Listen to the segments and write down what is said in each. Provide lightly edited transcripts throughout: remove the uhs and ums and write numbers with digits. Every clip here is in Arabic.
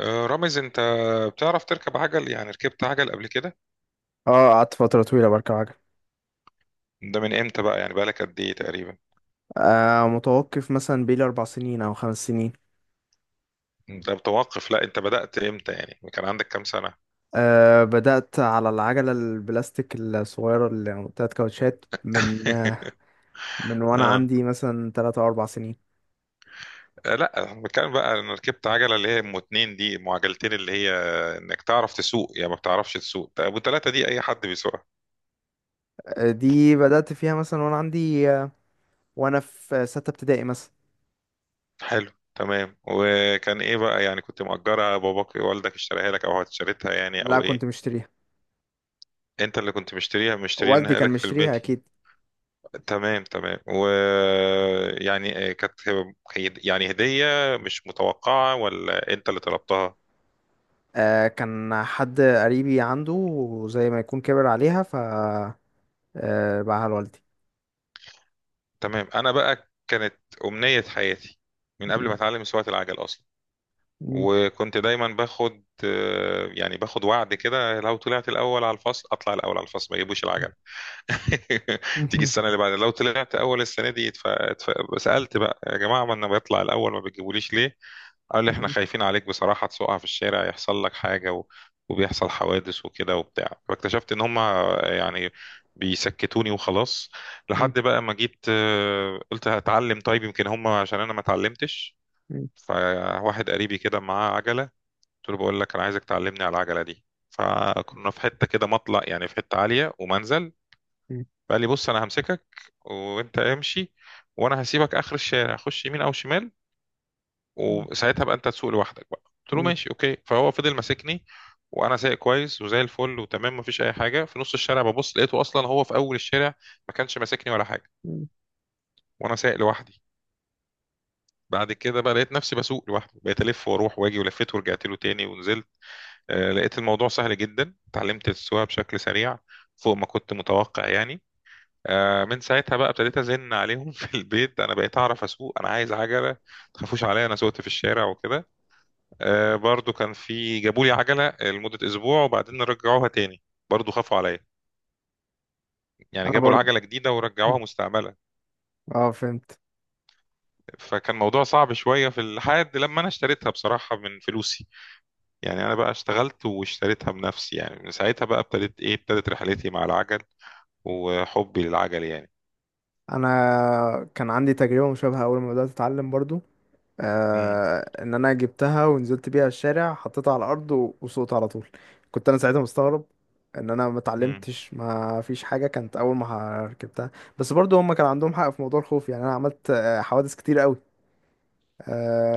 رامز انت بتعرف تركب عجل؟ يعني ركبت عجل قبل كده؟ اه، قعدت فترة طويلة بركب عجل. ده من امتى بقى؟ يعني بقالك قد ايه تقريبا؟ متوقف مثلا بيلي 4 سنين أو 5 سنين. انت متوقف؟ لا انت بدأت امتى؟ يعني كان عندك كام سنة؟ بدأت على العجلة البلاستيك الصغيرة اللي يعني بتاعت كاوتشات من آه من وأنا اه. عندي مثلا 3 أو 4 سنين. لا انا بتكلم بقى، انا ركبت عجلة اللي هي ام اتنين، دي ام عجلتين، اللي هي انك تعرف تسوق، يعني ما بتعرفش تسوق. طب ابو تلاتة دي اي حد بيسوقها. دي بدأت فيها مثلا وأنا عندي آه وأنا في 6 ابتدائي مثلا. حلو، تمام. وكان ايه بقى؟ يعني كنت مأجرها؟ باباك والدك اشتريها لك، او اشتريتها يعني، لا، او كنت ايه؟ مشتريها. انت اللي كنت مشتريها؟ والدي مشترينها كان لك في مشتريها البيت يعني. أكيد. تمام تمام. ويعني كانت يعني هدية مش متوقعة، ولا انت اللي طلبتها؟ كان حد قريبي عنده وزي ما يكون كبر عليها ف باعها لوالدي. تمام. انا بقى كانت امنية حياتي، من قبل ما مم. اتعلم سواقة العجل اصلا. مم. وكنت دايما باخد يعني باخد وعد كده، لو طلعت الاول على الفصل. اطلع الاول على الفصل ما يجيبوش العجل. تيجي مم. السنة اللي بعدها لو طلعت اول السنة دي، سألت بقى يا جماعة، ما انا بطلع الاول، ما بتجيبوليش ليه؟ قال لي احنا خايفين عليك بصراحة، تسقع في الشارع، يحصل لك حاجة، و... وبيحصل حوادث وكده وبتاع. فاكتشفت ان هما يعني بيسكتوني وخلاص. مم. لحد بقى ما جيت قلت هتعلم. طيب يمكن هما عشان انا ما اتعلمتش. مم. فواحد قريبي كده معاه عجلة، قلت له بقول لك انا عايزك تعلمني على العجلة دي. فكنا في حتة كده مطلع، يعني في حتة عالية ومنزل. مم. قال لي بص انا همسكك وانت امشي، وانا هسيبك اخر الشارع، خش يمين او شمال، وساعتها بقى انت تسوق لوحدك. بقى قلت له مم. ماشي اوكي. فهو فضل ماسكني وانا سايق كويس وزي الفل وتمام، مفيش اي حاجه. في نص الشارع ببص لقيته اصلا هو في اول الشارع، ما كانش ماسكني ولا حاجه، مم. وانا سايق لوحدي. بعد كده بقى لقيت نفسي بسوق لوحدي، بقيت الف واروح واجي، ولفيت ورجعت له تاني ونزلت. آه لقيت الموضوع سهل جدا، اتعلمت السواقه بشكل سريع فوق ما كنت متوقع يعني. من ساعتها بقى ابتديت ازن عليهم في البيت، انا بقيت اعرف اسوق، انا عايز عجله، ما تخافوش عليا، انا سوقت في الشارع وكده. برضو كان في، جابوا لي عجلة لمدة أسبوع وبعدين رجعوها تاني. برضو خافوا عليا. يعني انا جابوا برضو، العجلة جديدة ورجعوها مستعملة. اه، فهمت. فكان موضوع صعب شوية، في الحد لما أنا اشتريتها بصراحة من فلوسي. يعني أنا بقى اشتغلت واشتريتها بنفسي. يعني من ساعتها بقى ابتدت إيه، ابتدت رحلتي مع العجل وحبي للعجل يعني. انا كان عندي تجربه مشابهه اول ما بدات اتعلم برضو. مم. ان انا جبتها ونزلت بيها الشارع حطيتها على الارض وسقطت على طول. كنت انا ساعتها مستغرب ان انا ما مم. اتعلمتش، ما فيش حاجه كانت اول ما ركبتها. بس برضو هم كان عندهم حق في موضوع الخوف، يعني انا عملت حوادث كتير قوي.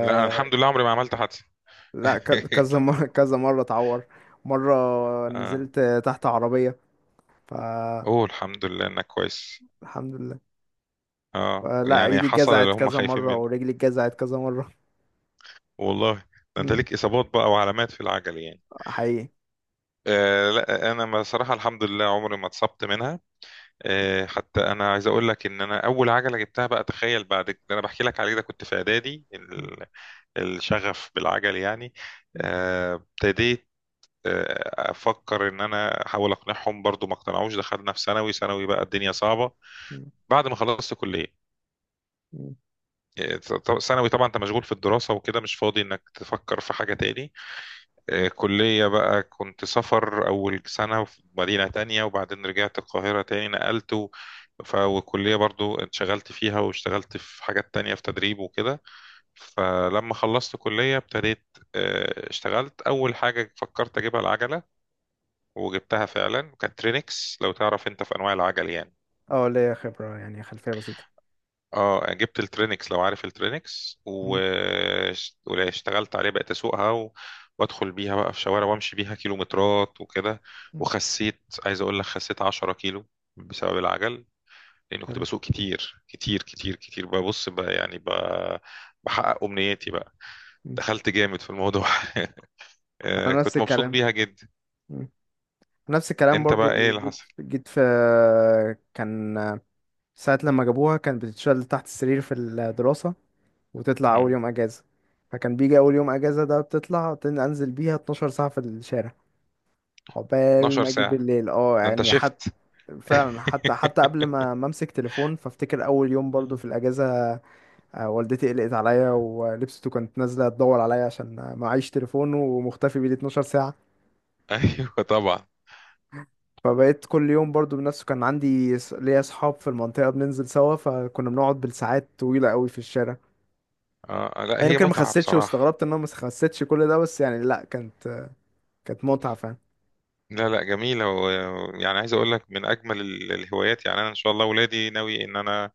لا أنا الحمد لله عمري ما عملت حادثة. لا كذا مره، كذا مره اتعور. مره آه. نزلت تحت عربيه. فالحمد أوه الحمد لله إنك كويس. لله. اه لا، يعني ايدي حصل اللي اتجزعت هم كذا مرة خايفين. ورجلي اتجزعت كذا مرة. والله. ده انت مم. ليك اصابات بقى وعلامات في العجل يعني. حقيقي. آه لا انا صراحه الحمد لله عمري ما اتصبت منها. آه حتى انا عايز اقول لك ان انا اول عجله جبتها بقى، تخيل، بعد اللي انا بحكي لك عليه ده، كنت في اعدادي مم. الشغف بالعجل يعني. مم. ابتديت افكر ان انا احاول اقنعهم، برضو ما اقتنعوش. دخلنا في ثانوي، ثانوي بقى الدنيا صعبه. مم. بعد ما خلصت كليه. مم. ثانوي طبعا انت مشغول في الدراسه وكده، مش فاضي انك تفكر في حاجه تاني. كلية بقى كنت سفر أول سنة في مدينة تانية، وبعدين رجعت القاهرة تاني، نقلت و... والكلية برضو انشغلت فيها، واشتغلت في حاجات تانية في تدريب وكده. فلما خلصت كلية ابتديت اشتغلت. أول حاجة فكرت أجيبها العجلة، وجبتها فعلا، كانت ترينكس لو تعرف أنت في أنواع العجل يعني. اه، ليا خبرة، يعني خلفية بسيطة. اه يعني جبت الترينكس لو عارف الترينكس و... مم. واشتغلت عليه، بقيت اسوقها و... وادخل بيها بقى في شوارع، وامشي بيها كيلومترات وكده. مم. وخسيت، عايز اقول لك، خسيت 10 كيلو بسبب العجل، لان كنت حلو. بسوق كتير كتير كتير كتير. ببص بقى يعني ب... بحقق امنياتي بقى. مم. دخلت جامد في الموضوع. انا نفس كنت مبسوط الكلام. بيها جدا. مم. نفس الكلام انت بقى ايه برضو، اللي جيت حصل؟ جيت في. كان ساعة لما جابوها كان بتتشال تحت السرير في الدراسة، وتطلع أول مم. يوم أجازة. فكان بيجي أول يوم أجازة ده بتطلع أنزل بيها 12 ساعة في الشارع، عقبال 12 ما اجي ساعة؟ بالليل. اه ده انت يعني حتى شفت. فعلا، حتى قبل ما امسك تليفون، فافتكر اول يوم برضو في الاجازه. والدتي قلقت عليا ولبسته، كانت نازله تدور عليا عشان معيش تليفون ومختفي بيه 12 ساعه. ايوه طبعا. فبقيت كل يوم برضو بنفسه، كان عندي ليا اصحاب في المنطقه بننزل سوا، فكنا بنقعد بالساعات طويله قوي في الشارع. آه لا ما هي يمكن ما متعة خسيتش، بصراحة. واستغربت ان انا ما خسيتش كل ده، بس يعني لا كانت متعه فعلا. لا لا، جميل هو. يعني عايز اقول لك من اجمل الهوايات، يعني انا ان شاء الله ولادي ناوي ان انا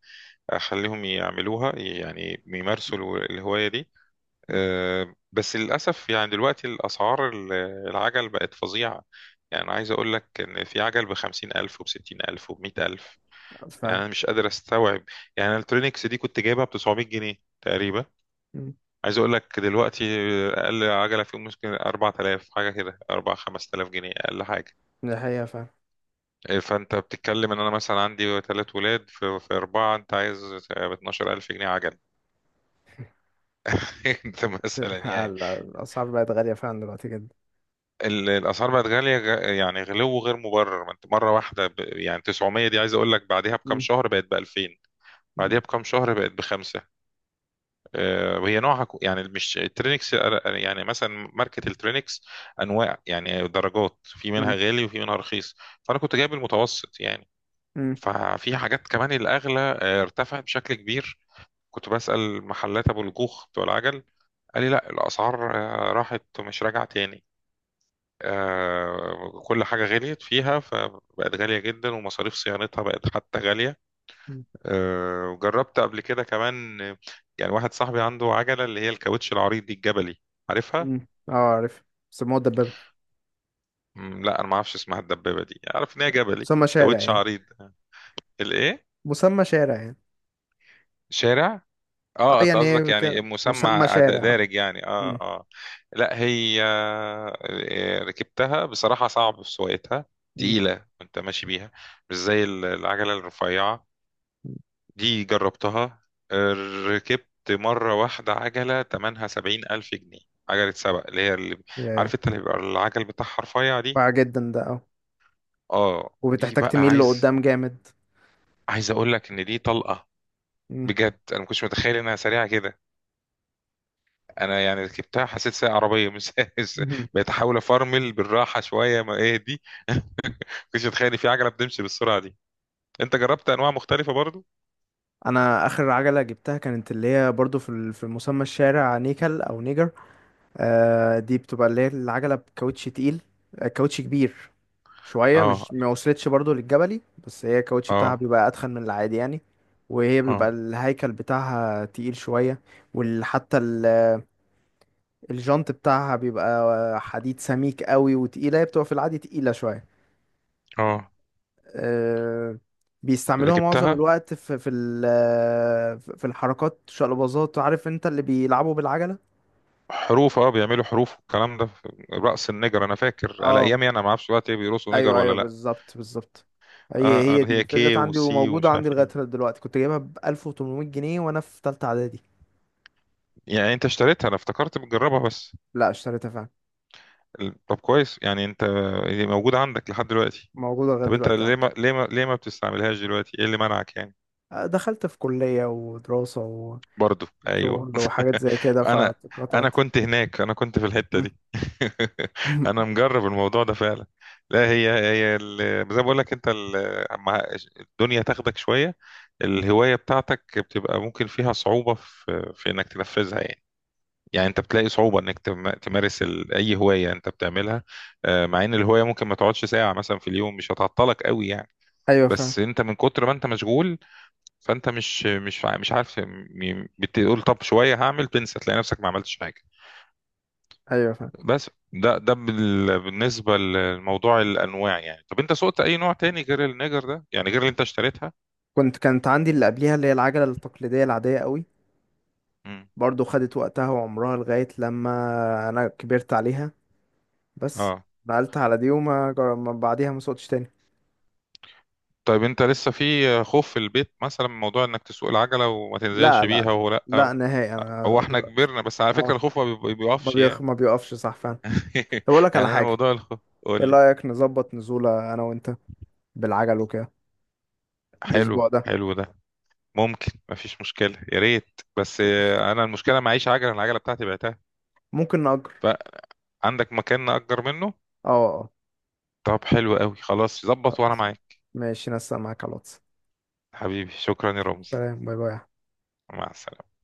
اخليهم يعملوها، يعني يمارسوا الهوايه دي. أه، بس للاسف يعني دلوقتي الاسعار العجل بقت فظيعه. يعني أنا عايز اقول لك ان في عجل بخمسين الف، وبستين الف، وبمئة الف. يعني فعلا. انا مش قادر استوعب. يعني الالكترونيكس دي كنت جايبها ب 900 جنيه تقريبا. مم. عايز اقول لك دلوقتي اقل عجله فيهم ممكن 4000 حاجه كده، 4 5000 جنيه اقل حاجه. دي حقيقه فعلا. إيه، فانت بتتكلم ان انا مثلا عندي ثلاث ولاد، في, في اربعه، انت عايز ب 12000 جنيه عجل. انت مثلا يعني الأسعار بقت غالية فعلا دلوقتي جدا. الاسعار بقت غاليه، يعني غلو غير مبرر. ما انت مره واحده ب... يعني 900، دي عايز اقول لك بعدها بكام مم. شهر بقت ب 2000. مم. بعدها بكام شهر بقت بخمسه. وهي نوعها يعني مش الترينكس، يعني مثلا ماركة الترينكس انواع، يعني درجات، في منها غالي وفي منها رخيص، فانا كنت جايب المتوسط يعني. مم. ففي حاجات كمان الأغلى ارتفعت بشكل كبير. كنت بسأل محلات أبو الجوخ بتوع العجل، قال لي لا الأسعار راحت ومش راجعة تاني. كل حاجة غليت فيها، فبقت غالية جدا، ومصاريف صيانتها بقت حتى غالية. مم. وجربت قبل كده كمان، يعني واحد صاحبي عنده عجلة اللي هي الكاوتش العريض دي، الجبلي، عارفها؟ مم. اه، عارف. سموه الدبابة. مم، لا أنا ما أعرفش اسمها الدبابة دي، أعرف إن هي جبلي، مسمى شارع كاوتش يعني. عريض. الإيه؟ مسمى شارع يعني. شارع. اه اه انت يعني قصدك ايه يعني مسمى مسمى شارع، اه. دارج يعني. اه مم. اه. لا هي ركبتها بصراحة صعب في سواقتها، مم. تقيلة وانت ماشي بيها، مش زي العجلة الرفيعة. مم. دي جربتها. آه، ركبت مرة واحدة عجلة تمنها سبعين ألف جنيه، عجلة سبق، اللي هي اللي ياه. عارف انت، اللي بيبقى العجل بتاعها رفيع دي. واع جدا ده، اه. اه دي وبتحتاج بقى تميل لقدام جامد. عايز اقول لك ان دي طلقة، مم. بجد انا ما كنتش متخيل انها سريعة كده. انا يعني ركبتها حسيت سايق عربيه مش سايق- مهم. بقيت احاول افرمل بالراحه شويه، ما ايه دي. كنتش متخيل إن في عجله بتمشي بالسرعه دي. انت جربت انواع مختلفه برضو؟ انا اخر عجلة جبتها كانت اللي هي برضو في في مسمى الشارع نيكل او نيجر. آه، دي بتبقى اللي هي العجلة بكاوتش تقيل. كاوتش كبير شوية. اه. مش ما وصلتش برضو للجبلي، بس هي الكاوتش بتاعها اه. بيبقى أتخن من العادي يعني. وهي بيبقى اه. الهيكل بتاعها تقيل شوية، وحتى الجنط بتاعها بيبقى حديد سميك قوي وتقيلة. هي بتبقى في العادي تقيلة شوية. اه. أه، بيستعملوها معظم ركبتها. الوقت في الحركات، شقلباظات، عارف انت اللي بيلعبوا بالعجلة. حروف، اه بيعملوا حروف والكلام ده في رأس النجر، انا فاكر على اه، ايامي، انا ما اعرفش دلوقتي ايه، بيرقصوا نجر ايوه ولا ايوه، لا. بالظبط بالظبط. اه. هي هي اللي دي هي فضلت كي عندي وسي وموجودة ومش عندي عارف لغاية ايه. دلوقتي. كنت جايبها ب 1800 جنيه وانا في تالتة اعدادي. يعني انت اشتريتها؟ انا افتكرت بتجربها بس. لا، اشتريتها فعلا. طب كويس، يعني انت موجوده عندك لحد دلوقتي. موجودة لغاية طب انت دلوقتي ليه عندي. ما بتستعملهاش دلوقتي؟ ايه اللي منعك يعني؟ دخلت في كلية ودراسة برضو، ايوه. وشغل وحاجات زي كده، انا انا فاتقطعت. كنت هناك، انا كنت في الحته مم. دي. انا مجرب الموضوع ده فعلا. لا هي هي زي ما بقول لك انت، مع الدنيا، تاخدك شويه الهوايه بتاعتك، بتبقى ممكن فيها صعوبه في في انك تنفذها يعني. يعني انت بتلاقي صعوبه انك تمارس اي هوايه انت بتعملها. مع ان الهوايه ممكن ما تقعدش ساعه مثلا في اليوم، مش هتعطلك قوي يعني. ايوه فعلا. بس انت من كتر ما انت مشغول، فانت مش عارف بتقول طب شويه هعمل، تنسى، تلاقي نفسك ما عملتش حاجه. ايوه فعلا. بس ده ده بالنسبه لموضوع الانواع يعني. طب انت سوقت اي نوع تاني غير النيجر ده يعني، غير اللي انت اشتريتها؟ كنت، كانت عندي اللي قبليها، اللي هي العجلة التقليدية العادية قوي. امم. برضو خدت وقتها وعمرها لغاية لما انا كبرت عليها، بس اه. نقلت على دي وما جر... ما بعديها ما سوقتش تاني. طيب انت لسه في خوف في البيت مثلا من موضوع انك تسوق العجله وما لا تنزلش لا، بيها، ولا؟ لا نهائي هو انا احنا دلوقتي. كبرنا، بس على اه، فكره الخوف ما بي- بيقفش يعني. ما بيقفش صح فعلا. طب اقول لك على يعني انا حاجة، موضوع الخوف. قول ايه لي. رأيك نظبط نزولة انا وانت بالعجل وكده حلو. الاسبوع ده؟ حلو ده. ممكن، مفيش مشكله، يا ريت، بس قشطة. انا المشكله معيش عجله، العجله بتاعتي بعتها. ممكن نأجر. فعندك مكان نأجر منه؟ اه اه. طب حلو قوي، خلاص ظبط وانا خلاص معاك. ماشي، نسق معاك على الواتس. حبيبي شكرا يا رمزي. سلام، باي باي. مع السلامة.